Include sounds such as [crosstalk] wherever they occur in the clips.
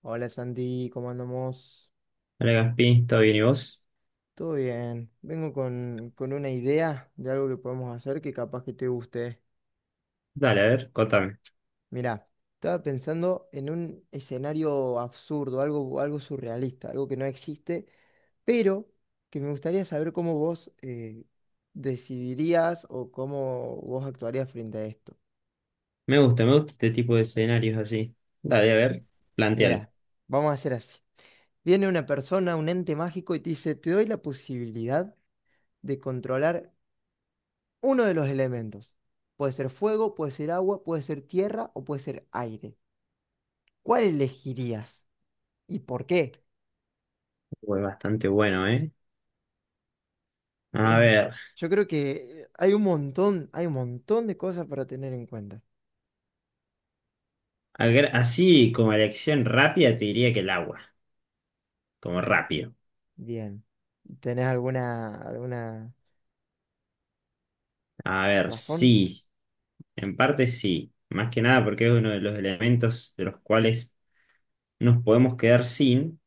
Hola Santi, ¿cómo andamos? Hola Gaspi, ¿todo bien y vos? Todo bien. Vengo con una idea de algo que podemos hacer que capaz que te guste. Dale, a ver, contame. Mira, estaba pensando en un escenario absurdo, algo surrealista, algo que no existe, pero que me gustaría saber cómo vos decidirías o cómo vos actuarías frente a esto. Me gusta este tipo de escenarios así. Dale, a ver, plantealo. Mira, vamos a hacer así. Viene una persona, un ente mágico y te dice, te doy la posibilidad de controlar uno de los elementos. Puede ser fuego, puede ser agua, puede ser tierra o puede ser aire. ¿Cuál elegirías y por qué? Fue bastante bueno, ¿eh? A ver, Yo creo que hay un montón de cosas para tener en cuenta. Así como elección rápida te diría que el agua, como rápido. Bien. ¿Tenés alguna, alguna A ver, razón? sí, en parte sí. Más que nada porque es uno de los elementos de los cuales nos podemos quedar sin.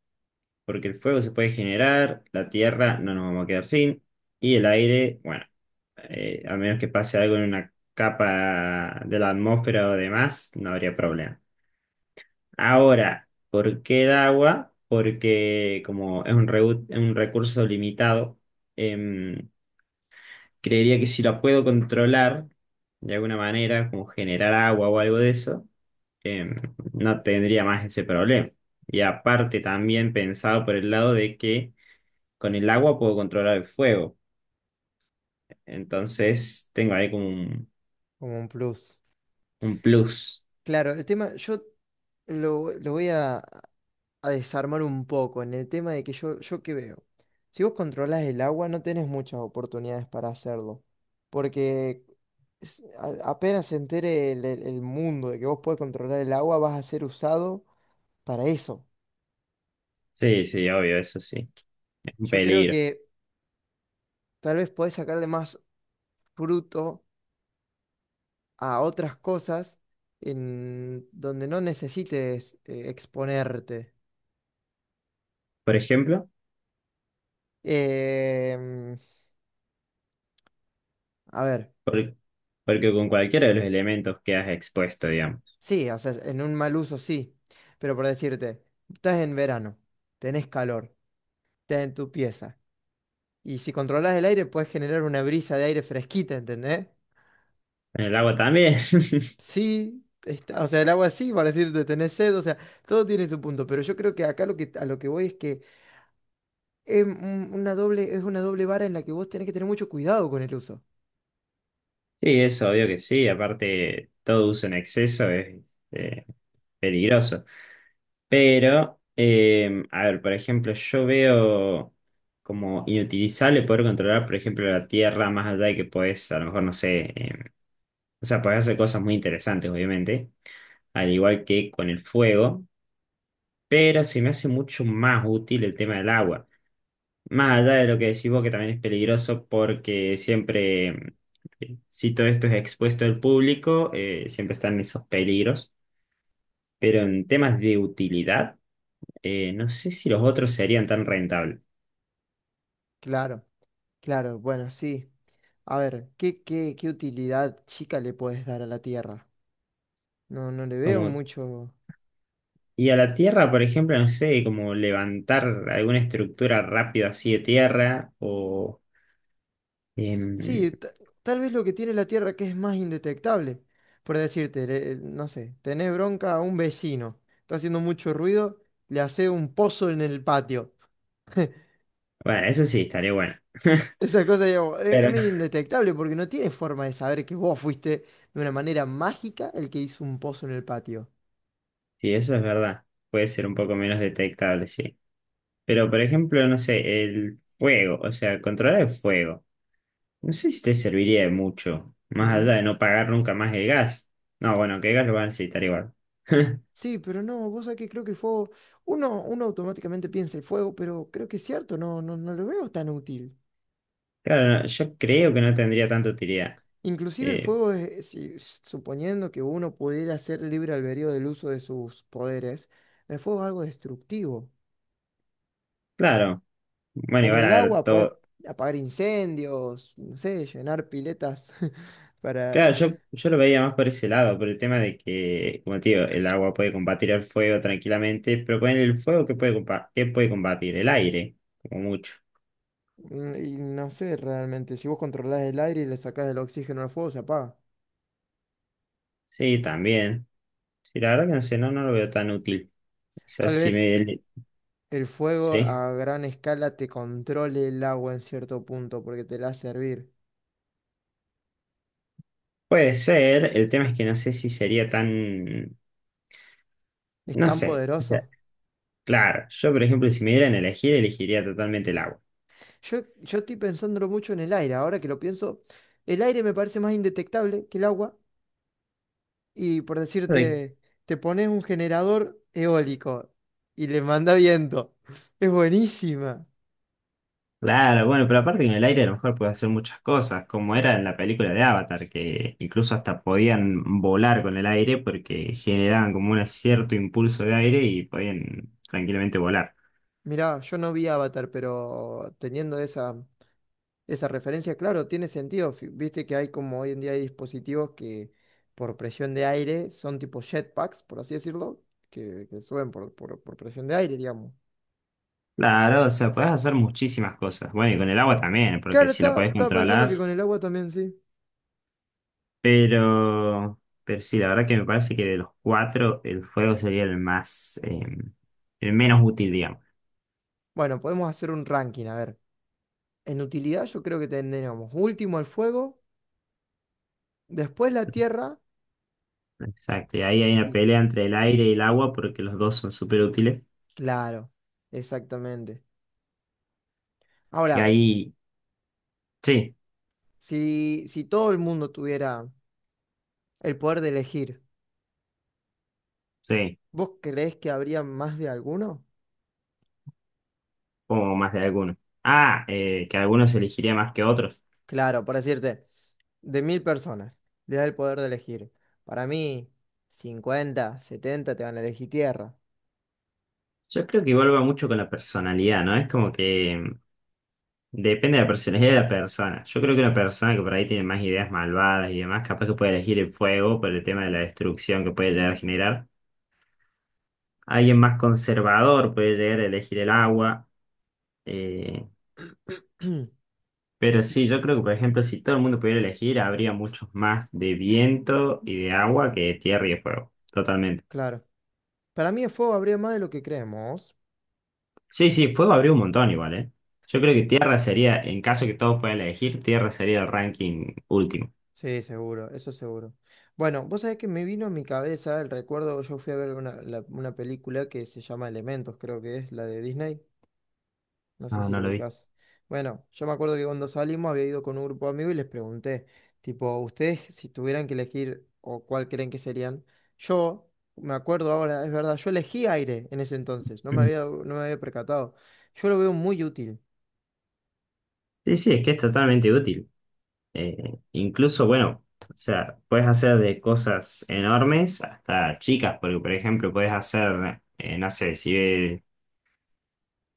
Porque el fuego se puede generar, la tierra no nos vamos a quedar sin, y el aire, bueno, a menos que pase algo en una capa de la atmósfera o demás, no habría problema. Ahora, ¿por qué el agua? Porque como es un recurso limitado, em, creería que si la puedo controlar de alguna manera, como generar agua o algo de eso, em, no tendría más ese problema. Y aparte también pensado por el lado de que con el agua puedo controlar el fuego. Entonces tengo ahí Como un plus. un plus. Claro, el tema, yo lo voy a desarmar un poco en el tema de que yo qué veo. Si vos controlás el agua, no tenés muchas oportunidades para hacerlo, porque apenas se entere el mundo de que vos podés controlar el agua, vas a ser usado para eso. Sí, sí, obvio, eso sí. Es un Yo creo peligro. que tal vez podés sacarle más fruto a otras cosas en donde no necesites exponerte. Por ejemplo, Em, a ver. por- porque con cualquiera de los elementos quedas expuesto, digamos. Sí, o sea, en un mal uso sí, pero por decirte, estás en verano, tenés calor, estás en tu pieza, y si controlás el aire puedes generar una brisa de aire fresquita, ¿entendés? En el agua también. [laughs] Sí, está, o sea, el agua sí, para decirte, tenés sed, o sea, todo tiene su punto, pero yo creo que acá lo que, a lo que voy es que es una doble, es una doble vara en la que vos tenés que tener mucho cuidado con el uso. Sí, es obvio que sí. Aparte, todo uso en exceso es eh, peligroso. Pero, a ver, por ejemplo, yo veo como inutilizable poder controlar, por ejemplo, la tierra más allá de que puedes, a lo mejor, no sé. O sea, podés hacer cosas muy interesantes, obviamente, al igual que con el fuego, pero se me hace mucho más útil el tema del agua. Más allá de lo que decís vos, que también es peligroso porque siempre, si todo esto es expuesto al público, siempre están esos peligros. Pero en temas de utilidad, no sé si los otros serían tan rentables. Claro, claro, bueno, sí. A ver, qué utilidad chica le puedes dar a la tierra? No, no le veo Como, mucho. y a la tierra, por ejemplo, no sé, como levantar alguna estructura rápido así de tierra o... em, Sí, tal vez lo que tiene la Tierra que es más indetectable. Por decirte, no sé, tenés bronca a un vecino, está haciendo mucho ruido, le hace un pozo en el patio. [laughs] Bueno, eso sí, estaría bueno. Esa cosa, digamos, [laughs] es Pero medio indetectable porque no tiene forma de saber que vos fuiste de una manera mágica el que hizo un pozo en el patio. sí, eso es verdad. Puede ser un poco menos detectable, sí. Pero, por ejemplo, no sé, el fuego, o sea, controlar el fuego. No sé si te serviría de mucho, más allá Mm, de no pagar nunca más el gas. No, bueno, que el gas lo van a necesitar igual. [laughs] Sí, pero no, vos sabés que creo que el fuego, uno automáticamente piensa el fuego, pero creo que es cierto, no lo veo tan útil. Claro, no, yo creo que no tendría tanta utilidad. Inclusive el Eh, fuego, suponiendo que uno pudiera ser libre albedrío del uso de sus poderes, el fuego es algo destructivo. claro. Bueno, Con igual el a ver, agua puedes todo, apagar incendios, no sé, llenar piletas [laughs] claro, para… yo lo veía más por ese lado, por el tema de que, como te digo, el agua puede combatir el fuego tranquilamente, pero con el fuego, ¿qué puede combatir? El aire, como mucho. Y no sé realmente, si vos controlás el aire y le sacás el oxígeno al fuego, se apaga. Sí, también. Sí, la verdad que no sé, no, no lo veo tan útil. O sea, Tal si vez me... el fuego Sí. a gran escala te controle el agua en cierto punto porque te la hace hervir. Puede ser, el tema es que no sé si sería tan... Es No tan sé. O sea, poderoso. claro, yo por ejemplo, si me dieran a elegir, elegiría totalmente el agua. Yo estoy pensándolo mucho en el aire, ahora que lo pienso, el aire me parece más indetectable que el agua y por decirte, te pones un generador eólico y le manda viento. Es buenísima. Claro, bueno, pero aparte que en el aire a lo mejor puede hacer muchas cosas, como era en la película de Avatar, que incluso hasta podían volar con el aire porque generaban como un cierto impulso de aire y podían tranquilamente volar. Mirá, yo no vi Avatar, pero teniendo esa referencia, claro, tiene sentido. Viste que hay como hoy en día hay dispositivos que por presión de aire son tipo jetpacks, por así decirlo, que suben por presión de aire, digamos. Claro, o sea, podés hacer muchísimas cosas. Bueno, y con el agua también, Claro, porque si la podés estaba pensando que controlar, con el agua también sí. pero sí, la verdad que me parece que de los cuatro, el fuego sería el más, el menos útil, digamos. Bueno, podemos hacer un ranking, a ver. En utilidad yo creo que tendríamos último el fuego, después la tierra Exacto, y ahí hay una y pelea entre el aire y el agua porque los dos son súper útiles. claro, exactamente. Así que Ahora, ahí sí, si todo el mundo tuviera el poder de elegir, sí, ¿vos creés que habría más de alguno? como más de algunos. Ah, que algunos elegiría más que otros. Claro, por decirte, de 1,000 personas, le da el poder de elegir. Para mí, 50, 70 te van a elegir tierra. Yo creo que igual va mucho con la personalidad, ¿no? Es como que depende de la personalidad de la persona. Yo creo que una persona que por ahí tiene más ideas malvadas y demás, capaz que puede elegir el fuego por el tema de la destrucción que puede llegar a generar. Alguien más conservador puede llegar a elegir el agua. eh, [clears throat] pero sí, yo creo que, por ejemplo, si todo el mundo pudiera elegir, habría muchos más de viento y de agua que de tierra y de fuego. Claro. Para mí el fuego habría más de lo que creemos. Sí, sí, fuego abrió un montón igual, ¿eh? Yo creo que Tierra sería, en caso que todos puedan elegir, Tierra sería el ranking último. Sí, seguro, eso seguro. Bueno, vos sabés que me vino a mi cabeza el recuerdo, yo fui a ver una película que se llama Elementos, creo que es la de Disney, no sé No, si no lo lo vi. ubicás. Bueno, yo me acuerdo que cuando salimos había ido con un grupo de amigos y les pregunté, tipo, ustedes si tuvieran que elegir o cuál creen que serían, yo me acuerdo ahora, es verdad, yo elegí aire en ese entonces, no me había, no me había percatado. Yo lo veo muy útil, Sí, sí, es que es totalmente útil. Incluso, bueno, o sea, puedes hacer de cosas enormes hasta chicas, porque por ejemplo, puedes hacer, no sé, si ves,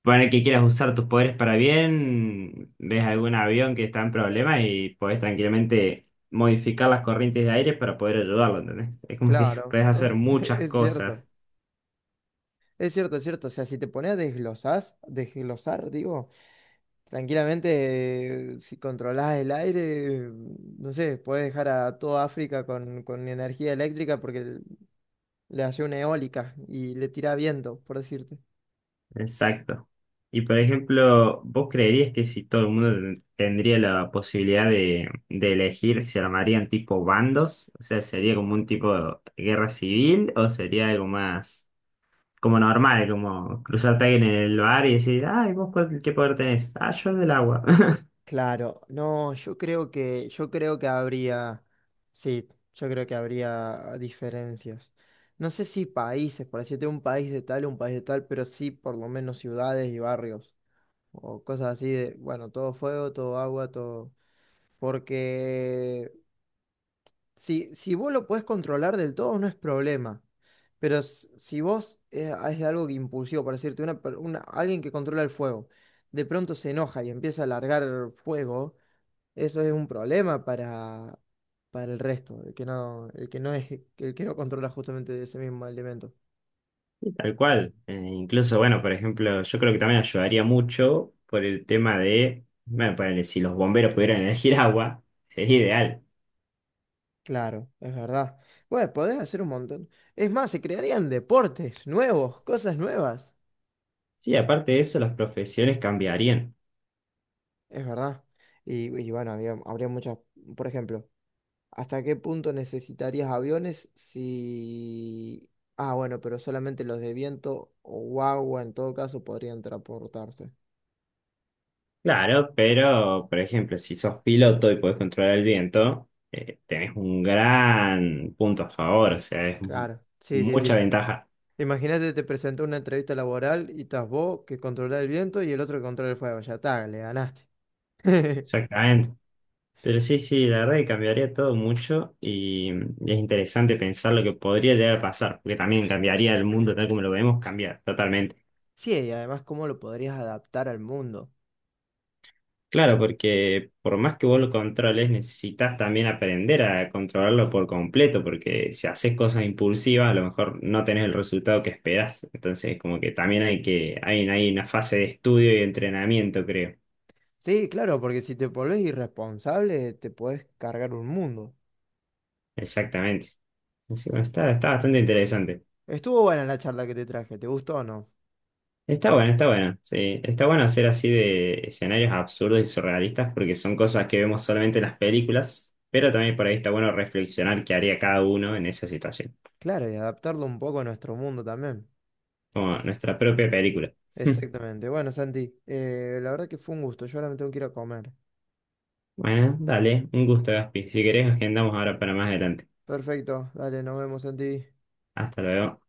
pone que quieras usar tus poderes para bien, ves algún avión que está en problemas y podés tranquilamente modificar las corrientes de aire para poder ayudarlo, ¿entendés? Es como que [laughs] claro, puedes hacer es [laughs] muchas es cosas. cierto. Es cierto, es cierto. O sea, si te pones a desglosar, desglosar, digo, tranquilamente, si controlás el aire, no sé, puedes dejar a toda África con energía eléctrica porque le hace una eólica y le tira viento, por decirte. Exacto. Y por ejemplo, ¿vos creerías que si todo el mundo tendría la posibilidad de elegir, se armarían tipo bandos? O sea, ¿sería como un tipo de guerra civil o sería algo más como normal, como cruzarte a alguien en el bar y decir, ay, qué poder tenés? Ah, yo el del agua. [laughs] Claro, no, yo creo que habría, sí, yo creo que habría diferencias. No sé si países, por decirte un país de tal, un país de tal, pero sí por lo menos ciudades y barrios. O cosas así de, bueno, todo fuego, todo agua, todo. Porque si vos lo podés controlar del todo, no es problema. Pero si vos algo que impulsivo, por decirte, alguien que controla el fuego, de pronto se enoja y empieza a largar fuego, eso es un problema para el resto, el que no el que no controla justamente ese mismo elemento. Tal cual. Incluso, bueno, por ejemplo, yo creo que también ayudaría mucho por el tema de, bueno, ponele, si los bomberos pudieran [laughs] elegir agua, sería ideal. Claro, es verdad. Bueno, podés hacer un montón. Es más, se crearían deportes nuevos, cosas nuevas. Sí, aparte de eso, las profesiones cambiarían. Es verdad. Y bueno, habría muchas, por ejemplo, ¿hasta qué punto necesitarías aviones si… Ah, bueno, pero solamente los de viento o agua en todo caso podrían transportarse. Claro, pero por ejemplo, si sos piloto y podés controlar el viento, tenés un gran punto a favor, o sea, Claro, sí, sí, mucha sí. ventaja. Imagínate, te presentó una entrevista laboral y estás vos que controla el viento y el otro que controla el fuego. Ya está, le ganaste. [laughs] Exactamente. Pero sí, sí, la verdad que cambiaría todo mucho y es interesante pensar lo que podría llegar a pasar, porque también cambiaría el mundo tal como lo vemos, cambia totalmente. Sí, y además, ¿cómo lo podrías adaptar al mundo? Claro, porque por más que vos lo controles, necesitas también aprender a controlarlo por completo, porque si haces cosas impulsivas, a lo mejor no tenés el resultado que esperás. Entonces, como que también hay que, hay una fase de estudio y entrenamiento, creo. Sí, claro, porque si te volvés irresponsable, te podés cargar un mundo. Exactamente. Así, bueno, está bastante interesante. Estuvo buena la charla que te traje, ¿te gustó o no? Está bueno, está bueno. Sí, está bueno hacer así de escenarios absurdos y surrealistas, porque son cosas que vemos solamente en las películas, pero también por ahí está bueno reflexionar qué haría cada uno en esa situación, Claro, y adaptarlo un poco a nuestro mundo también. como nuestra propia película. [laughs] Exactamente. Bueno, Santi, la verdad que fue un gusto. Yo ahora me tengo que ir a comer. Bueno, dale, un gusto, Gaspi. Si querés, agendamos ahora para más adelante. Perfecto. Dale, nos vemos, Santi. Hasta luego.